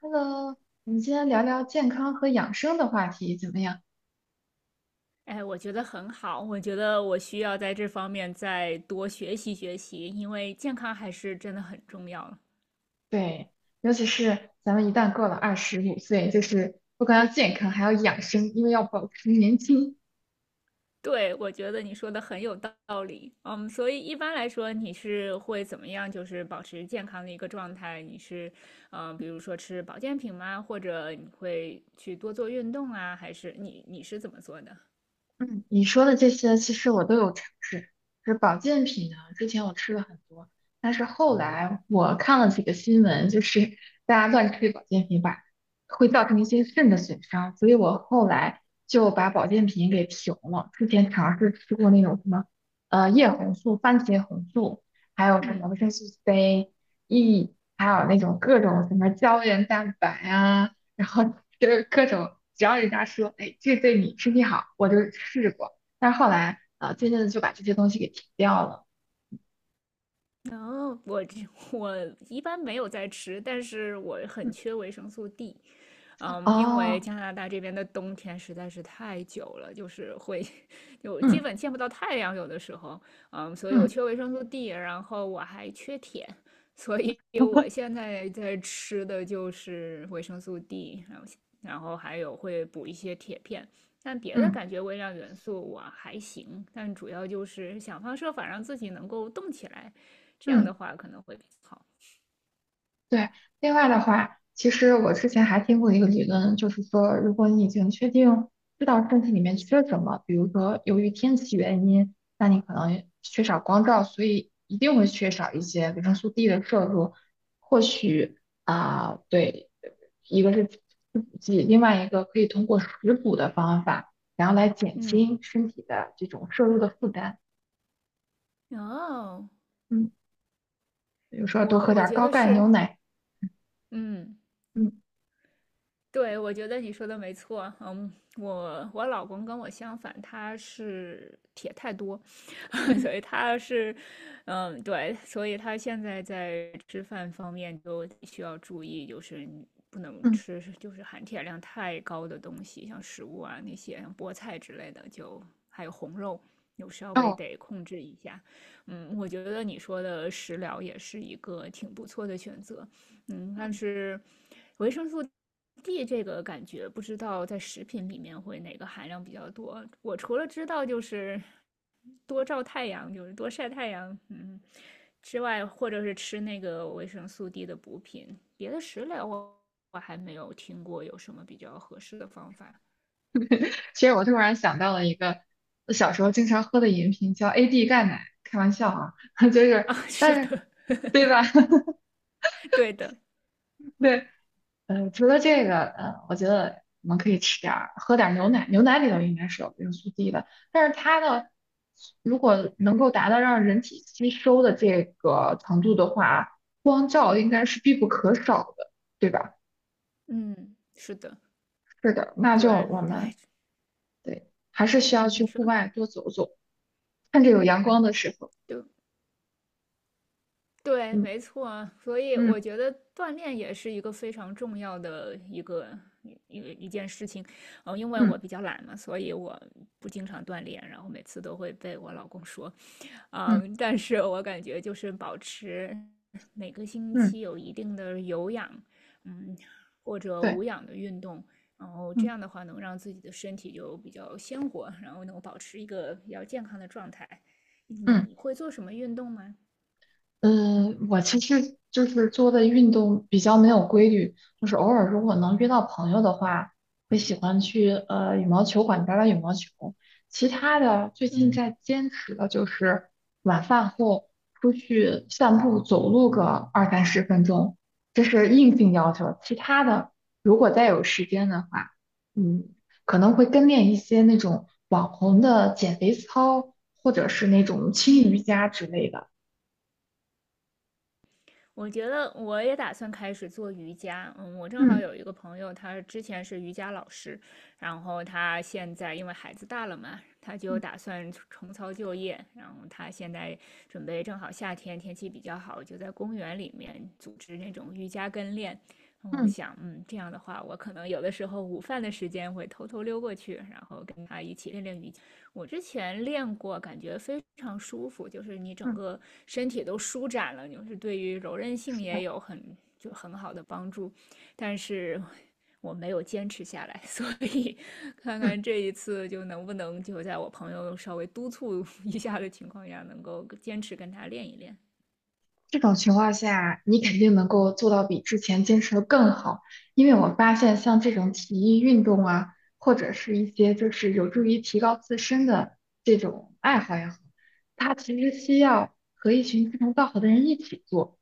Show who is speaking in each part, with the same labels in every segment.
Speaker 1: Hello，我们今天聊聊健康和养生的话题怎么样？
Speaker 2: 哎，我觉得很好，我觉得我需要在这方面再多学习学习，因为健康还是真的很重要了。
Speaker 1: 对。尤其是咱们一旦过了25岁，就是不光要健康，还要养生，因为要保持年轻。
Speaker 2: 对，我觉得你说的很有道理。嗯，所以一般来说，你是会怎么样，就是保持健康的一个状态？你是，嗯、比如说吃保健品吗？或者你会去多做运动啊？还是你是怎么做的？
Speaker 1: 嗯，你说的这些其实我都有尝试。就是保健品呢，之前我吃了很多，但是后来我看了几个新闻，就是大家乱吃保健品吧，会造成一些肾的损伤，所以我后来就把保健品给停了。之前尝试吃过那种什么，叶红素、番茄红素，还有什么
Speaker 2: 嗯，
Speaker 1: 维生素 C、E，还有那种各种什么胶原蛋白啊，然后。就是各种，只要人家说，哎，这对你身体好，我就试过。但是后来啊，渐渐的就把这些东西给停掉了。
Speaker 2: 然后我一般没有在吃，但是我很
Speaker 1: 嗯
Speaker 2: 缺维生素 D。因为
Speaker 1: 哦，
Speaker 2: 加拿大这边的冬天实在是太久了，就是会 就基
Speaker 1: 嗯
Speaker 2: 本见不到太阳，有的时候，所以我
Speaker 1: 嗯
Speaker 2: 缺维生素 D，然后我还缺铁，所以 我现在在吃的就是维生素 D，然后还有会补一些铁片，但别的
Speaker 1: 嗯
Speaker 2: 感觉微量元素我还行，但主要就是想方设法让自己能够动起来，这样
Speaker 1: 嗯，
Speaker 2: 的话可能会比较好。
Speaker 1: 对。另外的话，其实我之前还听过一个理论，就是说，如果你已经确定知道身体里面缺什么，比如说由于天气原因，那你可能缺少光照，所以一定会缺少一些维生素 D 的摄入。或许啊，对，一个是吃补剂，另外一个可以通过食补的方法，然后来减
Speaker 2: 嗯，
Speaker 1: 轻身体的这种摄入的负担。
Speaker 2: 哦，
Speaker 1: 嗯，比如说多
Speaker 2: 我
Speaker 1: 喝点
Speaker 2: 我
Speaker 1: 儿
Speaker 2: 觉
Speaker 1: 高
Speaker 2: 得
Speaker 1: 钙牛
Speaker 2: 是，
Speaker 1: 奶。
Speaker 2: 嗯。
Speaker 1: 嗯
Speaker 2: 对，我觉得你说的没错。嗯，我老公跟我相反，他是铁太多，
Speaker 1: 嗯
Speaker 2: 所以他是，嗯，对，所以他现在在吃饭方面就需要注意，就是你不能
Speaker 1: 嗯
Speaker 2: 吃就是含铁量太高的东西，像食物啊那些，像菠菜之类的，就还有红肉，有稍微
Speaker 1: 哦。
Speaker 2: 得控制一下。我觉得你说的食疗也是一个挺不错的选择。但是维生素 D 这个感觉不知道在食品里面会哪个含量比较多。我除了知道就是多照太阳，就是多晒太阳，之外，或者是吃那个维生素 D 的补品，别的食疗我还没有听过有什么比较合适的方法
Speaker 1: 其实我突然想到了一个我小时候经常喝的饮品，叫 AD 钙奶。开玩笑啊，就是，
Speaker 2: 啊。是
Speaker 1: 但是，
Speaker 2: 的，
Speaker 1: 对吧？
Speaker 2: 对的，
Speaker 1: 对，除了这个，我觉得我们可以吃点儿，喝点儿牛奶。牛奶里头应该是有维生素 D 的，但是它呢，如果能够达到让人体吸收的这个程度的话，光照应该是必不可少的，对吧？
Speaker 2: 嗯，是的，
Speaker 1: 是的，那就
Speaker 2: 对，
Speaker 1: 我们
Speaker 2: 哎，
Speaker 1: 对，还是需要
Speaker 2: 嗯，
Speaker 1: 去
Speaker 2: 你说，
Speaker 1: 户外多走走，趁着有阳光的时候。
Speaker 2: 对，对，
Speaker 1: 嗯
Speaker 2: 没错啊，所以我
Speaker 1: 嗯。
Speaker 2: 觉得锻炼也是一个非常重要的一个一一一件事情。因为我
Speaker 1: 嗯
Speaker 2: 比较懒嘛，所以我不经常锻炼，然后每次都会被我老公说，
Speaker 1: 嗯
Speaker 2: 但是我感觉就是保持每个星
Speaker 1: 嗯，
Speaker 2: 期有一定的有氧，嗯，或者
Speaker 1: 对，
Speaker 2: 无氧的运动，然后这
Speaker 1: 嗯，
Speaker 2: 样的话能让自己的身体就比较鲜活，然后能保持一个比较健康的状态。
Speaker 1: 嗯。
Speaker 2: 你会做什么运动吗？
Speaker 1: 嗯，我其实就是做的运动比较没有规律，就是偶尔如果能约到朋友的话，会喜欢去羽毛球馆打打羽毛球。其他的最近
Speaker 2: 嗯
Speaker 1: 在坚持的就是晚饭后出去散步走路个二三十分钟，这是硬性要求。其他的如果再有时间的话，嗯，可能会跟练一些那种网红的减肥操，或者是那种轻瑜
Speaker 2: 嗯。
Speaker 1: 伽之类的。
Speaker 2: 我觉得我也打算开始做瑜伽。嗯，我正好
Speaker 1: 嗯。
Speaker 2: 有一个朋友，他之前是瑜伽老师，然后他现在因为孩子大了嘛，他就打算重操旧业。然后他现在准备正好夏天天气比较好，就在公园里面组织那种瑜伽跟练。然后我
Speaker 1: 嗯
Speaker 2: 想，这样的话，我可能有的时候午饭的时间会偷偷溜过去，然后跟他一起练练瑜伽。我之前练过，感觉非常舒服，就是你整
Speaker 1: 嗯，
Speaker 2: 个身体都舒展了，就是对于柔韧性
Speaker 1: 是
Speaker 2: 也
Speaker 1: 的，
Speaker 2: 有很就很好的帮助。但是我没有坚持下来，所以看
Speaker 1: 嗯，
Speaker 2: 看这一次就能不能就在我朋友稍微督促 一下的情况下，能够坚持跟他练一练。
Speaker 1: 这种情况下，你肯定能够做到比之前坚持的更好，因为我发现像这种体育运动啊，或者是一些就是有助于提高自身的这种爱好也好，它其实需要和一群志同道合的人一起做，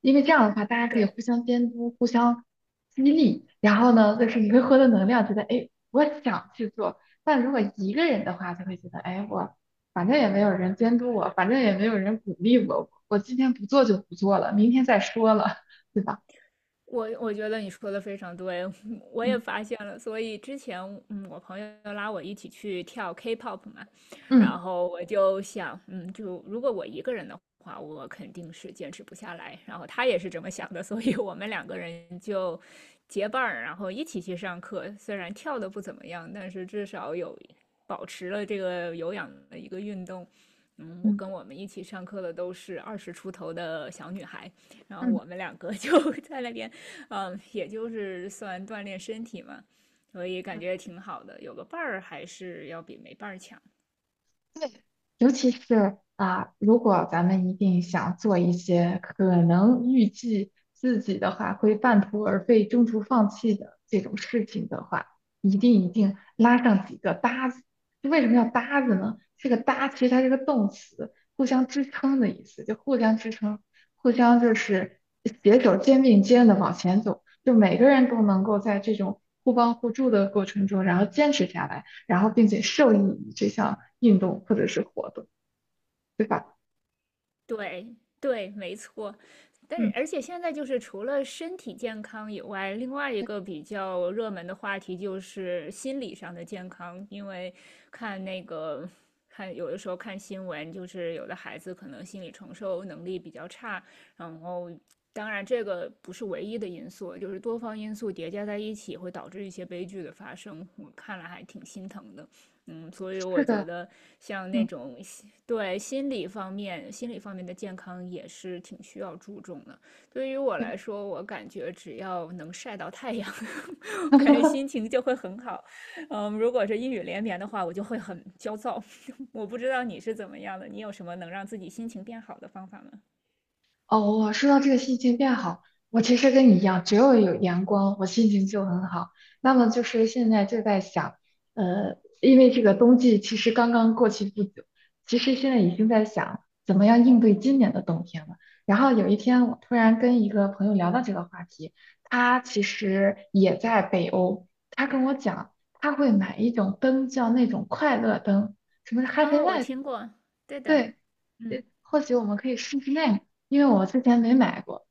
Speaker 1: 因为这样的话，大家可以
Speaker 2: 对，
Speaker 1: 互相监督、互相激励，然后呢，就是你会获得能量，觉得哎，我想去做。但如果一个人的话，就会觉得，哎，我反正也没有人监督我，反正也没有人鼓励我，我今天不做就不做了，明天再说了，对吧？
Speaker 2: 我觉得你说的非常对，我也
Speaker 1: 嗯
Speaker 2: 发现了。所以之前，我朋友拉我一起去跳 K-pop 嘛，然
Speaker 1: 嗯
Speaker 2: 后我就想，就如果我一个人的话，我肯定是坚持不下来。然后他也是这么想的，所以我们两个人就结伴儿，然后一起去上课。虽然跳的不怎么样，但是至少有保持了这个有氧的一个运动。我
Speaker 1: 嗯
Speaker 2: 跟我们一起上课的都是二十出头的小女孩，然后
Speaker 1: 嗯，
Speaker 2: 我们两个 就在那边，也就是算锻炼身体嘛，所以感
Speaker 1: 嗯
Speaker 2: 觉挺好的。有个伴儿还是要比没伴儿强。
Speaker 1: 对，尤其是啊，如果咱们一定想做一些可能预计自己的话会半途而废、中途放弃的这种事情的话，一定一定拉上几个搭子。就为什么要搭子呢？这个搭其实它是个动词，互相支撑的意思，就互相支撑，互相就是携手肩并肩的往前走，就每个人都能够在这种互帮互助的过程中，然后坚持下来。然后并且受益于这项运动或者是活动，对吧？
Speaker 2: 对对，没错。但
Speaker 1: 嗯，
Speaker 2: 是，而且现在就是除了身体健康以外，另外一
Speaker 1: 对，
Speaker 2: 个比较热门的话题就是心理上的健康。因为看那个，看有的时候看新闻，就是有的孩子可能心理承受能力比较差，然后当然这个不是唯一的因素，就是多方因素叠加在一起会导致一些悲剧的发生。我看了还挺心疼的。所以我
Speaker 1: 是
Speaker 2: 觉
Speaker 1: 的，
Speaker 2: 得像那
Speaker 1: 嗯，
Speaker 2: 种对，心理方面的健康也是挺需要注重的。对于我
Speaker 1: 对。
Speaker 2: 来说，我感觉只要能晒到太阳，我感觉心情就会很好。如果是阴雨连绵的话，我就会很焦躁。我不知道你是怎么样的，你有什么能让自己心情变好的方法吗？
Speaker 1: 哦，我说到这个心情变好，我其实跟你一样，只要有阳光，我心情就很好。那么就是现在就在想，因为这个冬季其实刚刚过去不久，其实现在已经在想怎么样应对今年的冬天了。然后有一天，我突然跟一个朋友聊到这个话题，他其实也在北欧，他跟我讲，他会买一种灯，叫那种快乐灯，什么是 Happy
Speaker 2: 哦，我
Speaker 1: Light。
Speaker 2: 听过，对的，
Speaker 1: 对，
Speaker 2: 嗯。
Speaker 1: 或许我们可以试试那个，因为我之前没买过。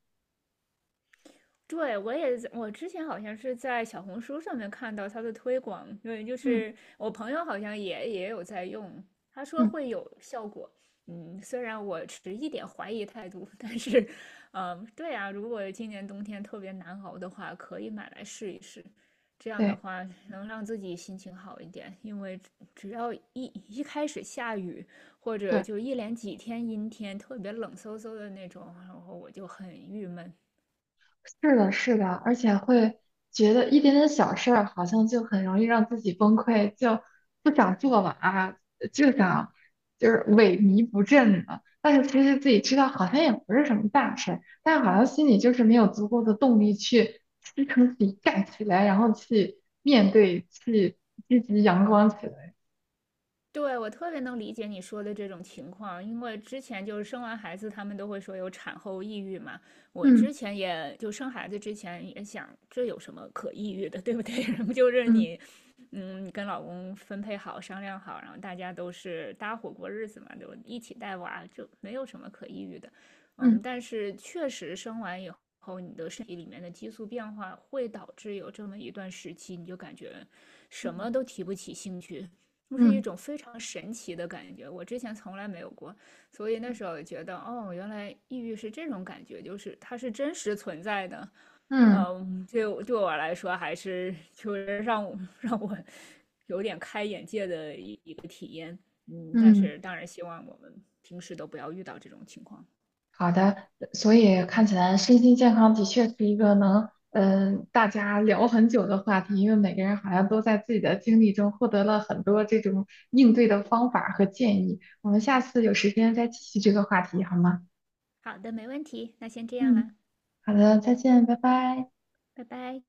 Speaker 2: 对，我也在，我之前好像是在小红书上面看到它的推广，因为就
Speaker 1: 嗯
Speaker 2: 是我朋友好像也有在用，他说
Speaker 1: 嗯，
Speaker 2: 会有效果。虽然我持一点怀疑态度，但是，嗯，对啊，如果今年冬天特别难熬的话，可以买来试一试。这样的
Speaker 1: 对
Speaker 2: 话能让自己心情好一点，因为只要一开始下雨，或者
Speaker 1: 对，
Speaker 2: 就一连几天阴天，特别冷飕飕的那种，然后我就很郁闷。
Speaker 1: 是的，是的，而且会觉得一点点小事儿好像就很容易让自己崩溃，就不想做了啊，就想就是萎靡不振了。但是其实自己知道好像也不是什么大事儿，但好像心里就是没有足够的动力去支撑自己干起来，然后去面对，去积极阳光起来。
Speaker 2: 对，我特别能理解你说的这种情况，因为之前就是生完孩子，他们都会说有产后抑郁嘛。我之
Speaker 1: 嗯
Speaker 2: 前也就生孩子之前也想，这有什么可抑郁的，对不对？然后就是
Speaker 1: 嗯
Speaker 2: 你跟老公分配好、商量好，然后大家都是搭伙过日子嘛，就一起带娃，就没有什么可抑郁的。
Speaker 1: 嗯
Speaker 2: 但是确实生完以后，你的身体里面的激素变化会导致有这么一段时期，你就感觉什
Speaker 1: 嗯
Speaker 2: 么都提不起兴趣，就是一
Speaker 1: 嗯
Speaker 2: 种非常神奇的感觉，我之前从来没有过，所以那时候觉得，哦，原来抑郁是这种感觉，就是它是真实存在的。
Speaker 1: 嗯。
Speaker 2: 对，对我来说，还是就是让我有点开眼界的一个体验。但
Speaker 1: 嗯，
Speaker 2: 是当然希望我们平时都不要遇到这种情况。
Speaker 1: 好的，所以看起来身心健康的确是一个能，大家聊很久的话题，因为每个人好像都在自己的经历中获得了很多这种应对的方法和建议。我们下次有时间再继续这个话题，好吗？
Speaker 2: 好的，没问题，那先这样
Speaker 1: 嗯，
Speaker 2: 啦，
Speaker 1: 好的，再见，拜拜。
Speaker 2: 拜拜。